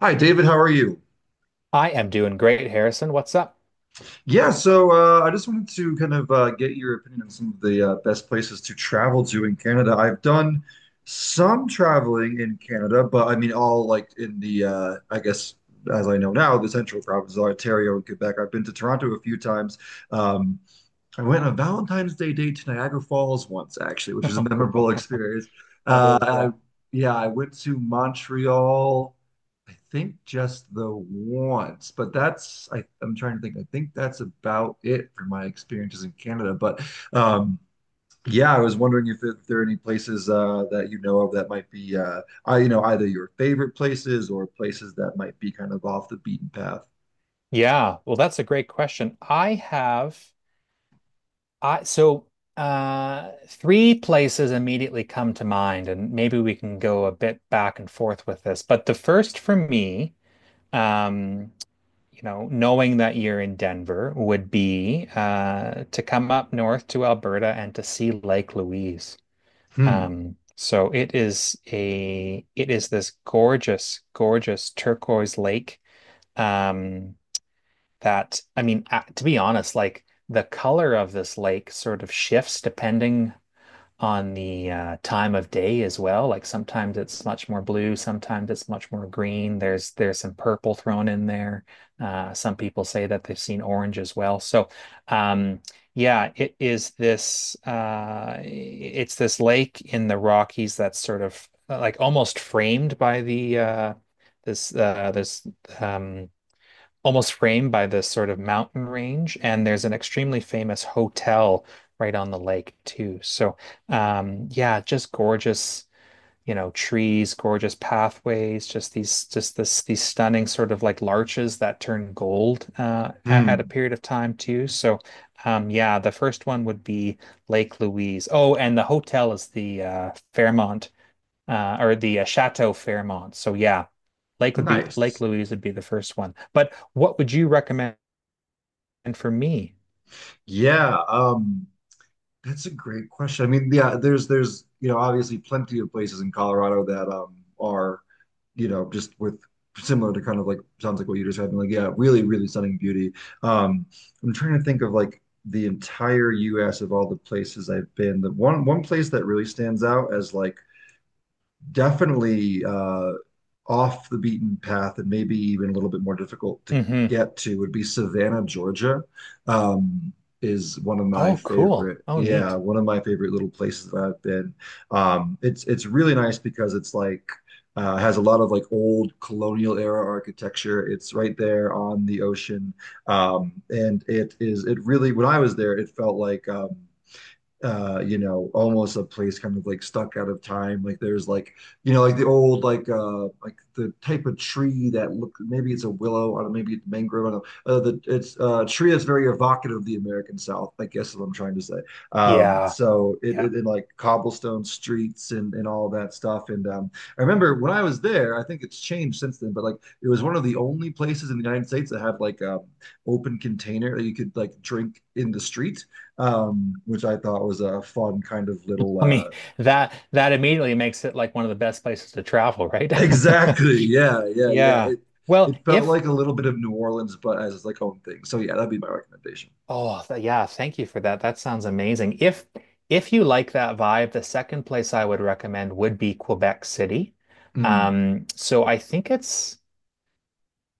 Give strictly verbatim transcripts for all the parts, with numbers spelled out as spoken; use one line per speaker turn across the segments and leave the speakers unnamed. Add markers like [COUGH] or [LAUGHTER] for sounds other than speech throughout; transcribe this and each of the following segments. Hi, David. How are you?
I am doing great, Harrison. What's up? [LAUGHS]
Yeah, so uh, I just wanted to kind of uh, get your opinion on some of the uh, best places to travel to in Canada. I've done some traveling in Canada, but I mean, all like in the, uh, I guess, as I know now, the central provinces, Ontario and Quebec. I've been to Toronto a few times. Um, I went on a Valentine's Day date to Niagara Falls once, actually, which was a
Oh,
memorable
cool.
experience.
[LAUGHS] That
Uh,
is,
I,
yeah.
yeah, I went to Montreal, I think just the once, but that's, I, I'm trying to think. I think that's about it for my experiences in Canada. But um, yeah, I was wondering if, there, if there are any places uh, that you know of that might be, uh, I, you know, either your favorite places or places that might be kind of off the beaten path.
Yeah. Well, that's a great question. I have I so uh three places immediately come to mind, and maybe we can go a bit back and forth with this. But the first for me, um, you know, knowing that you're in Denver would be uh to come up north to Alberta and to see Lake Louise.
Hmm.
Um, so it is a it is this gorgeous, gorgeous turquoise lake. Um, that I mean, a- to be honest, like the color of this lake sort of shifts depending on the uh, time of day as well. Like sometimes it's much more blue, sometimes it's much more green. There's there's some purple thrown in there. Uh, some people say that they've seen orange as well. So um, yeah, it is this uh, it's this lake in the Rockies that's sort of uh, like almost framed by the uh, this uh, this um, almost framed by this sort of mountain range, and there's an extremely famous hotel right on the lake too. So, um, yeah, just gorgeous, you know, trees, gorgeous pathways, just these, just this, these stunning sort of like larches that turn gold uh, at, at a
Hmm.
period of time too. So, um, yeah, the first one would be Lake Louise. Oh, and the hotel is the uh, Fairmont. Uh, or the uh, Chateau Fairmont. So yeah, Lake would be Lake
Nice.
Louise would be the first one. But what would you recommend for me?
Yeah. Um, that's a great question. I mean, yeah, there's there's you know obviously plenty of places in Colorado that um are you know just with similar to kind of like sounds like what you just had, like yeah, really really stunning beauty. Um, I'm trying to think of like the entire U S of all the places I've been. The one one place that really stands out as like definitely uh, off the beaten path and maybe even a little bit more difficult to
Mm-hmm.
get to would be Savannah, Georgia. Um, is one of my
Oh, cool.
favorite,
Oh,
yeah,
neat.
one of my favorite little places that I've been. Um, it's it's really nice because it's like uh, has a lot of like old colonial era architecture. It's right there on the ocean, um, and it is it really when I was there, it felt like um, uh you know almost a place kind of like stuck out of time like there's like you know like the old like uh like the type of tree that look maybe it's a willow I don't know, maybe it's mangrove I don't know uh, the it's uh, a tree that's very evocative of the American South I guess is what I'm trying to say um
Yeah.
so it,
Yeah.
it, it like cobblestone streets and and all that stuff and um I remember when I was there I think it's changed since then but like it was one of the only places in the United States that had like um open container that you could like drink in the street um, which I thought was a fun kind of little.
I
Uh,
mean, that that immediately makes it like one of the best places to travel, right?
[LAUGHS]
[LAUGHS]
exactly. Yeah. Yeah. Yeah.
Yeah.
It
Well,
it felt
if
like a little bit of New Orleans, but as like home thing. So yeah, that'd be my recommendation.
oh, th- yeah, thank you for that. That sounds amazing. If if you like that vibe, the second place I would recommend would be Quebec City.
Mm.
Um, so I think it's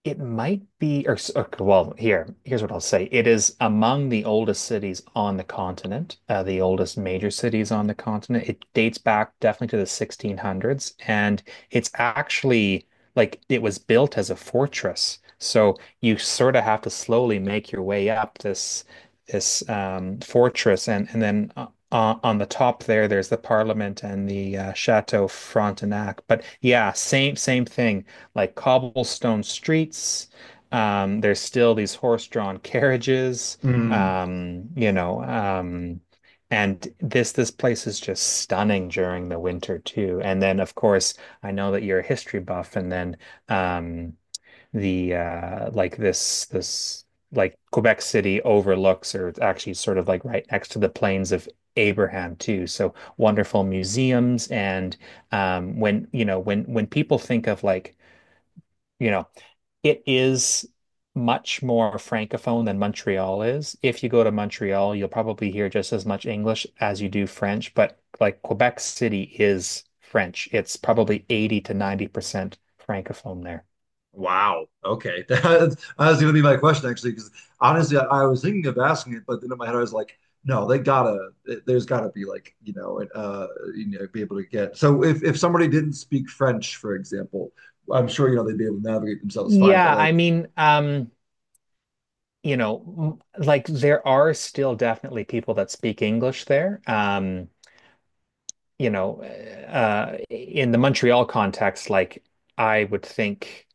It might be, or, s- okay, well, here, here's what I'll say. It is among the oldest cities on the continent, uh, the oldest major cities on the continent. It dates back definitely to the sixteen hundreds, and it's actually like it was built as a fortress. So you sort of have to slowly make your way up this this um, fortress, and and then uh, uh, on the top there, there's the Parliament and the uh, Chateau Frontenac. But yeah, same same thing like cobblestone streets. Um, there's still these horse-drawn carriages,
Mm.
um, you know, um, and this this place is just stunning during the winter too. And then, of course, I know that you're a history buff, and then um, the uh, like this this like Quebec City overlooks, or it's actually sort of like right next to the plains of Abraham too. So wonderful museums, and um, when you know when when people think of like you know it is much more francophone than Montreal is. If you go to Montreal, you'll probably hear just as much English as you do French, but like Quebec City is French. It's probably eighty to ninety percent francophone there.
Wow. Okay. [LAUGHS] That's, that was going to be my question actually, because honestly, I, I was thinking of asking it, but then in my head I was like, no, they gotta. There's gotta be like you know, uh, you know, be able to get. So if if somebody didn't speak French, for example, I'm sure you know they'd be able to navigate themselves fine. But
Yeah, I
like,
mean, um, you know, m- like there are still definitely people that speak English there. Um, you know, uh, in the Montreal context, like I would think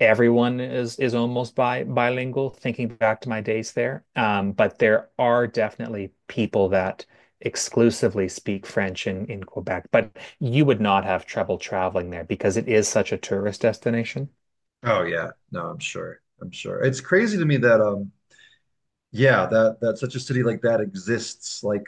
everyone is is almost bi bilingual, thinking back to my days there, um, but there are definitely people that exclusively speak French in in Quebec, but you would not have trouble traveling there because it is such a tourist destination.
oh yeah, no, I'm sure. I'm sure. It's crazy to me that um yeah, that that such a city like that exists like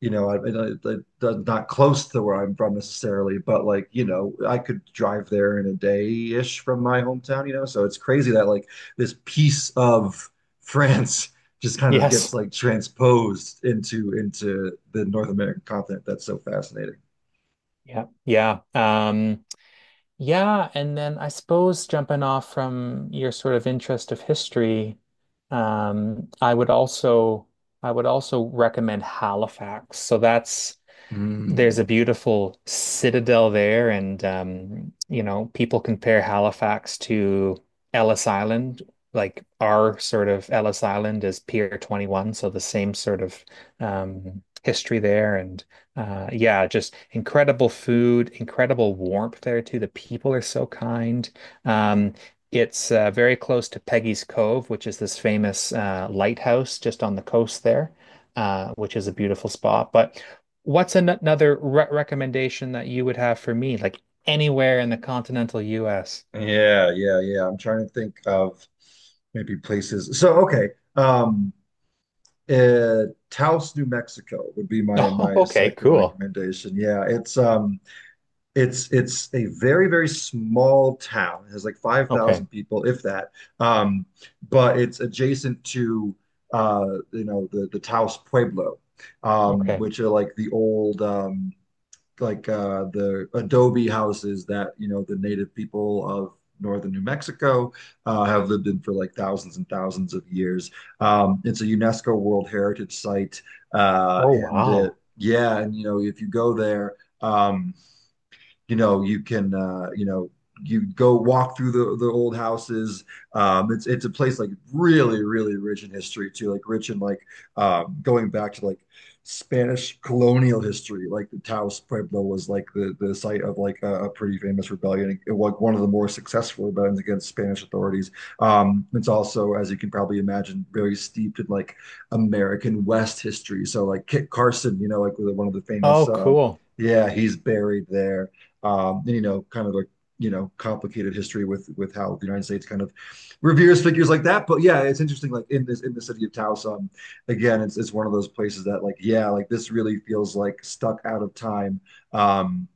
you know, I, I, I, I- not close to where I'm from necessarily, but like, you know, I could drive there in a day-ish from my hometown, you know. So it's crazy that like this piece of [LAUGHS] France just kind of
yes
gets like transposed into into the North American continent. That's so fascinating.
yeah yeah um Yeah, and then I suppose jumping off from your sort of interest of history, um, I would also I would also recommend Halifax. So that's there's a
Mm.
beautiful citadel there, and um, you know, people compare Halifax to Ellis Island. Like our sort of Ellis Island is Pier twenty-one, so the same sort of um, history there, and uh, yeah, just incredible food, incredible warmth there too. The people are so kind. Um, it's uh, very close to Peggy's Cove, which is this famous uh, lighthouse just on the coast there, uh, which is a beautiful spot. But what's an another re recommendation that you would have for me, like anywhere in the continental U S? [LAUGHS]
Yeah, yeah, yeah. I'm trying to think of maybe places. So okay. Um Uh, Taos, New Mexico would be my
Oh,
my
okay,
second
cool.
recommendation. Yeah, it's um it's it's a very very small town. It has like
Okay,
five thousand people if that. Um but it's adjacent to uh you know the the Taos Pueblo um
okay.
which are like the old um like uh, the adobe houses that you know the native people of northern New Mexico, uh, have lived in for like thousands and thousands of years. Um, it's a UNESCO World Heritage Site, uh,
Oh,
and uh,
wow.
yeah, and you know if you go there, um, you know you can uh, you know you go walk through the, the old houses. Um, it's it's a place like really really rich in history too, like rich in like um, going back to like Spanish colonial history. Like the Taos Pueblo was like the the site of like a, a pretty famous rebellion, it, was one of the more successful rebellions against Spanish authorities. Um, it's also, as you can probably imagine, very steeped in like American West history. So like Kit Carson, you know, like one of the famous.
Oh,
Uh,
cool.
yeah, he's buried there um, and you know, kind of like you know, complicated history with with how the United States kind of reveres figures like that. But yeah, it's interesting. Like in this in the city of Taos, um, again, it's it's one of those places that like yeah, like this really feels like stuck out of time. Um,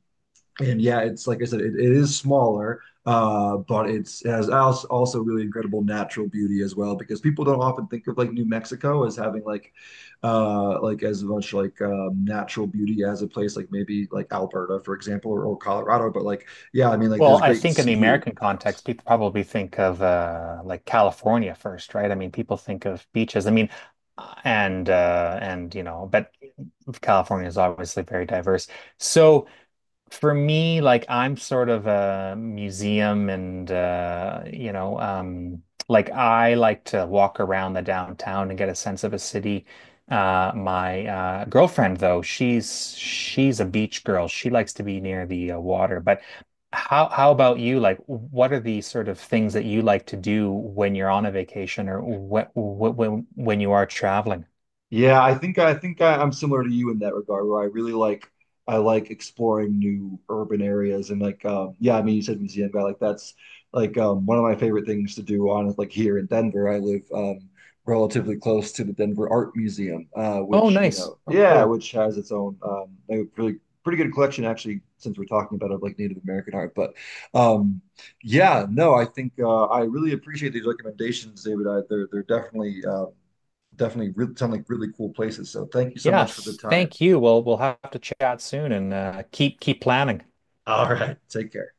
and yeah, it's like I said, it, it is smaller, uh, but it's it has also also really incredible natural beauty as well because people don't often think of like New Mexico as having like uh like as much like um, natural beauty as a place like maybe like Alberta, for example, or, or Colorado. But like yeah, I mean like there's
Well, I
great
think in the
skiing
American
in
context,
Taos.
people probably think of uh, like California first, right? I mean, people think of beaches. I mean, uh, and uh, and you know, but California is obviously very diverse. So for me, like I'm sort of a museum and uh, you know, um, like I like to walk around the downtown and get a sense of a city. Uh, my uh, girlfriend though, she's she's a beach girl. She likes to be near the uh, water. But how how about you? Like, what are the sort of things that you like to do when you're on a vacation, or what, what when when you are traveling?
Yeah, I think I think I, I'm similar to you in that regard, where I really like I like exploring new urban areas and like um, yeah, I mean you said museum guy, like that's like um, one of my favorite things to do on like here in Denver. I live um, relatively close to the Denver Art Museum, uh,
Oh,
which you
nice.
know
Oh,
yeah,
cool.
which has its own um, a really pretty good collection actually, since we're talking about of like Native American art, but um, yeah, no, I think uh, I really appreciate these recommendations, David. I, they're they're definitely. Um, definitely re- sound like really cool places. So thank you so much for the
Yes,
time.
thank you. Well, we'll have to chat soon and uh, keep keep planning.
All right. Take care.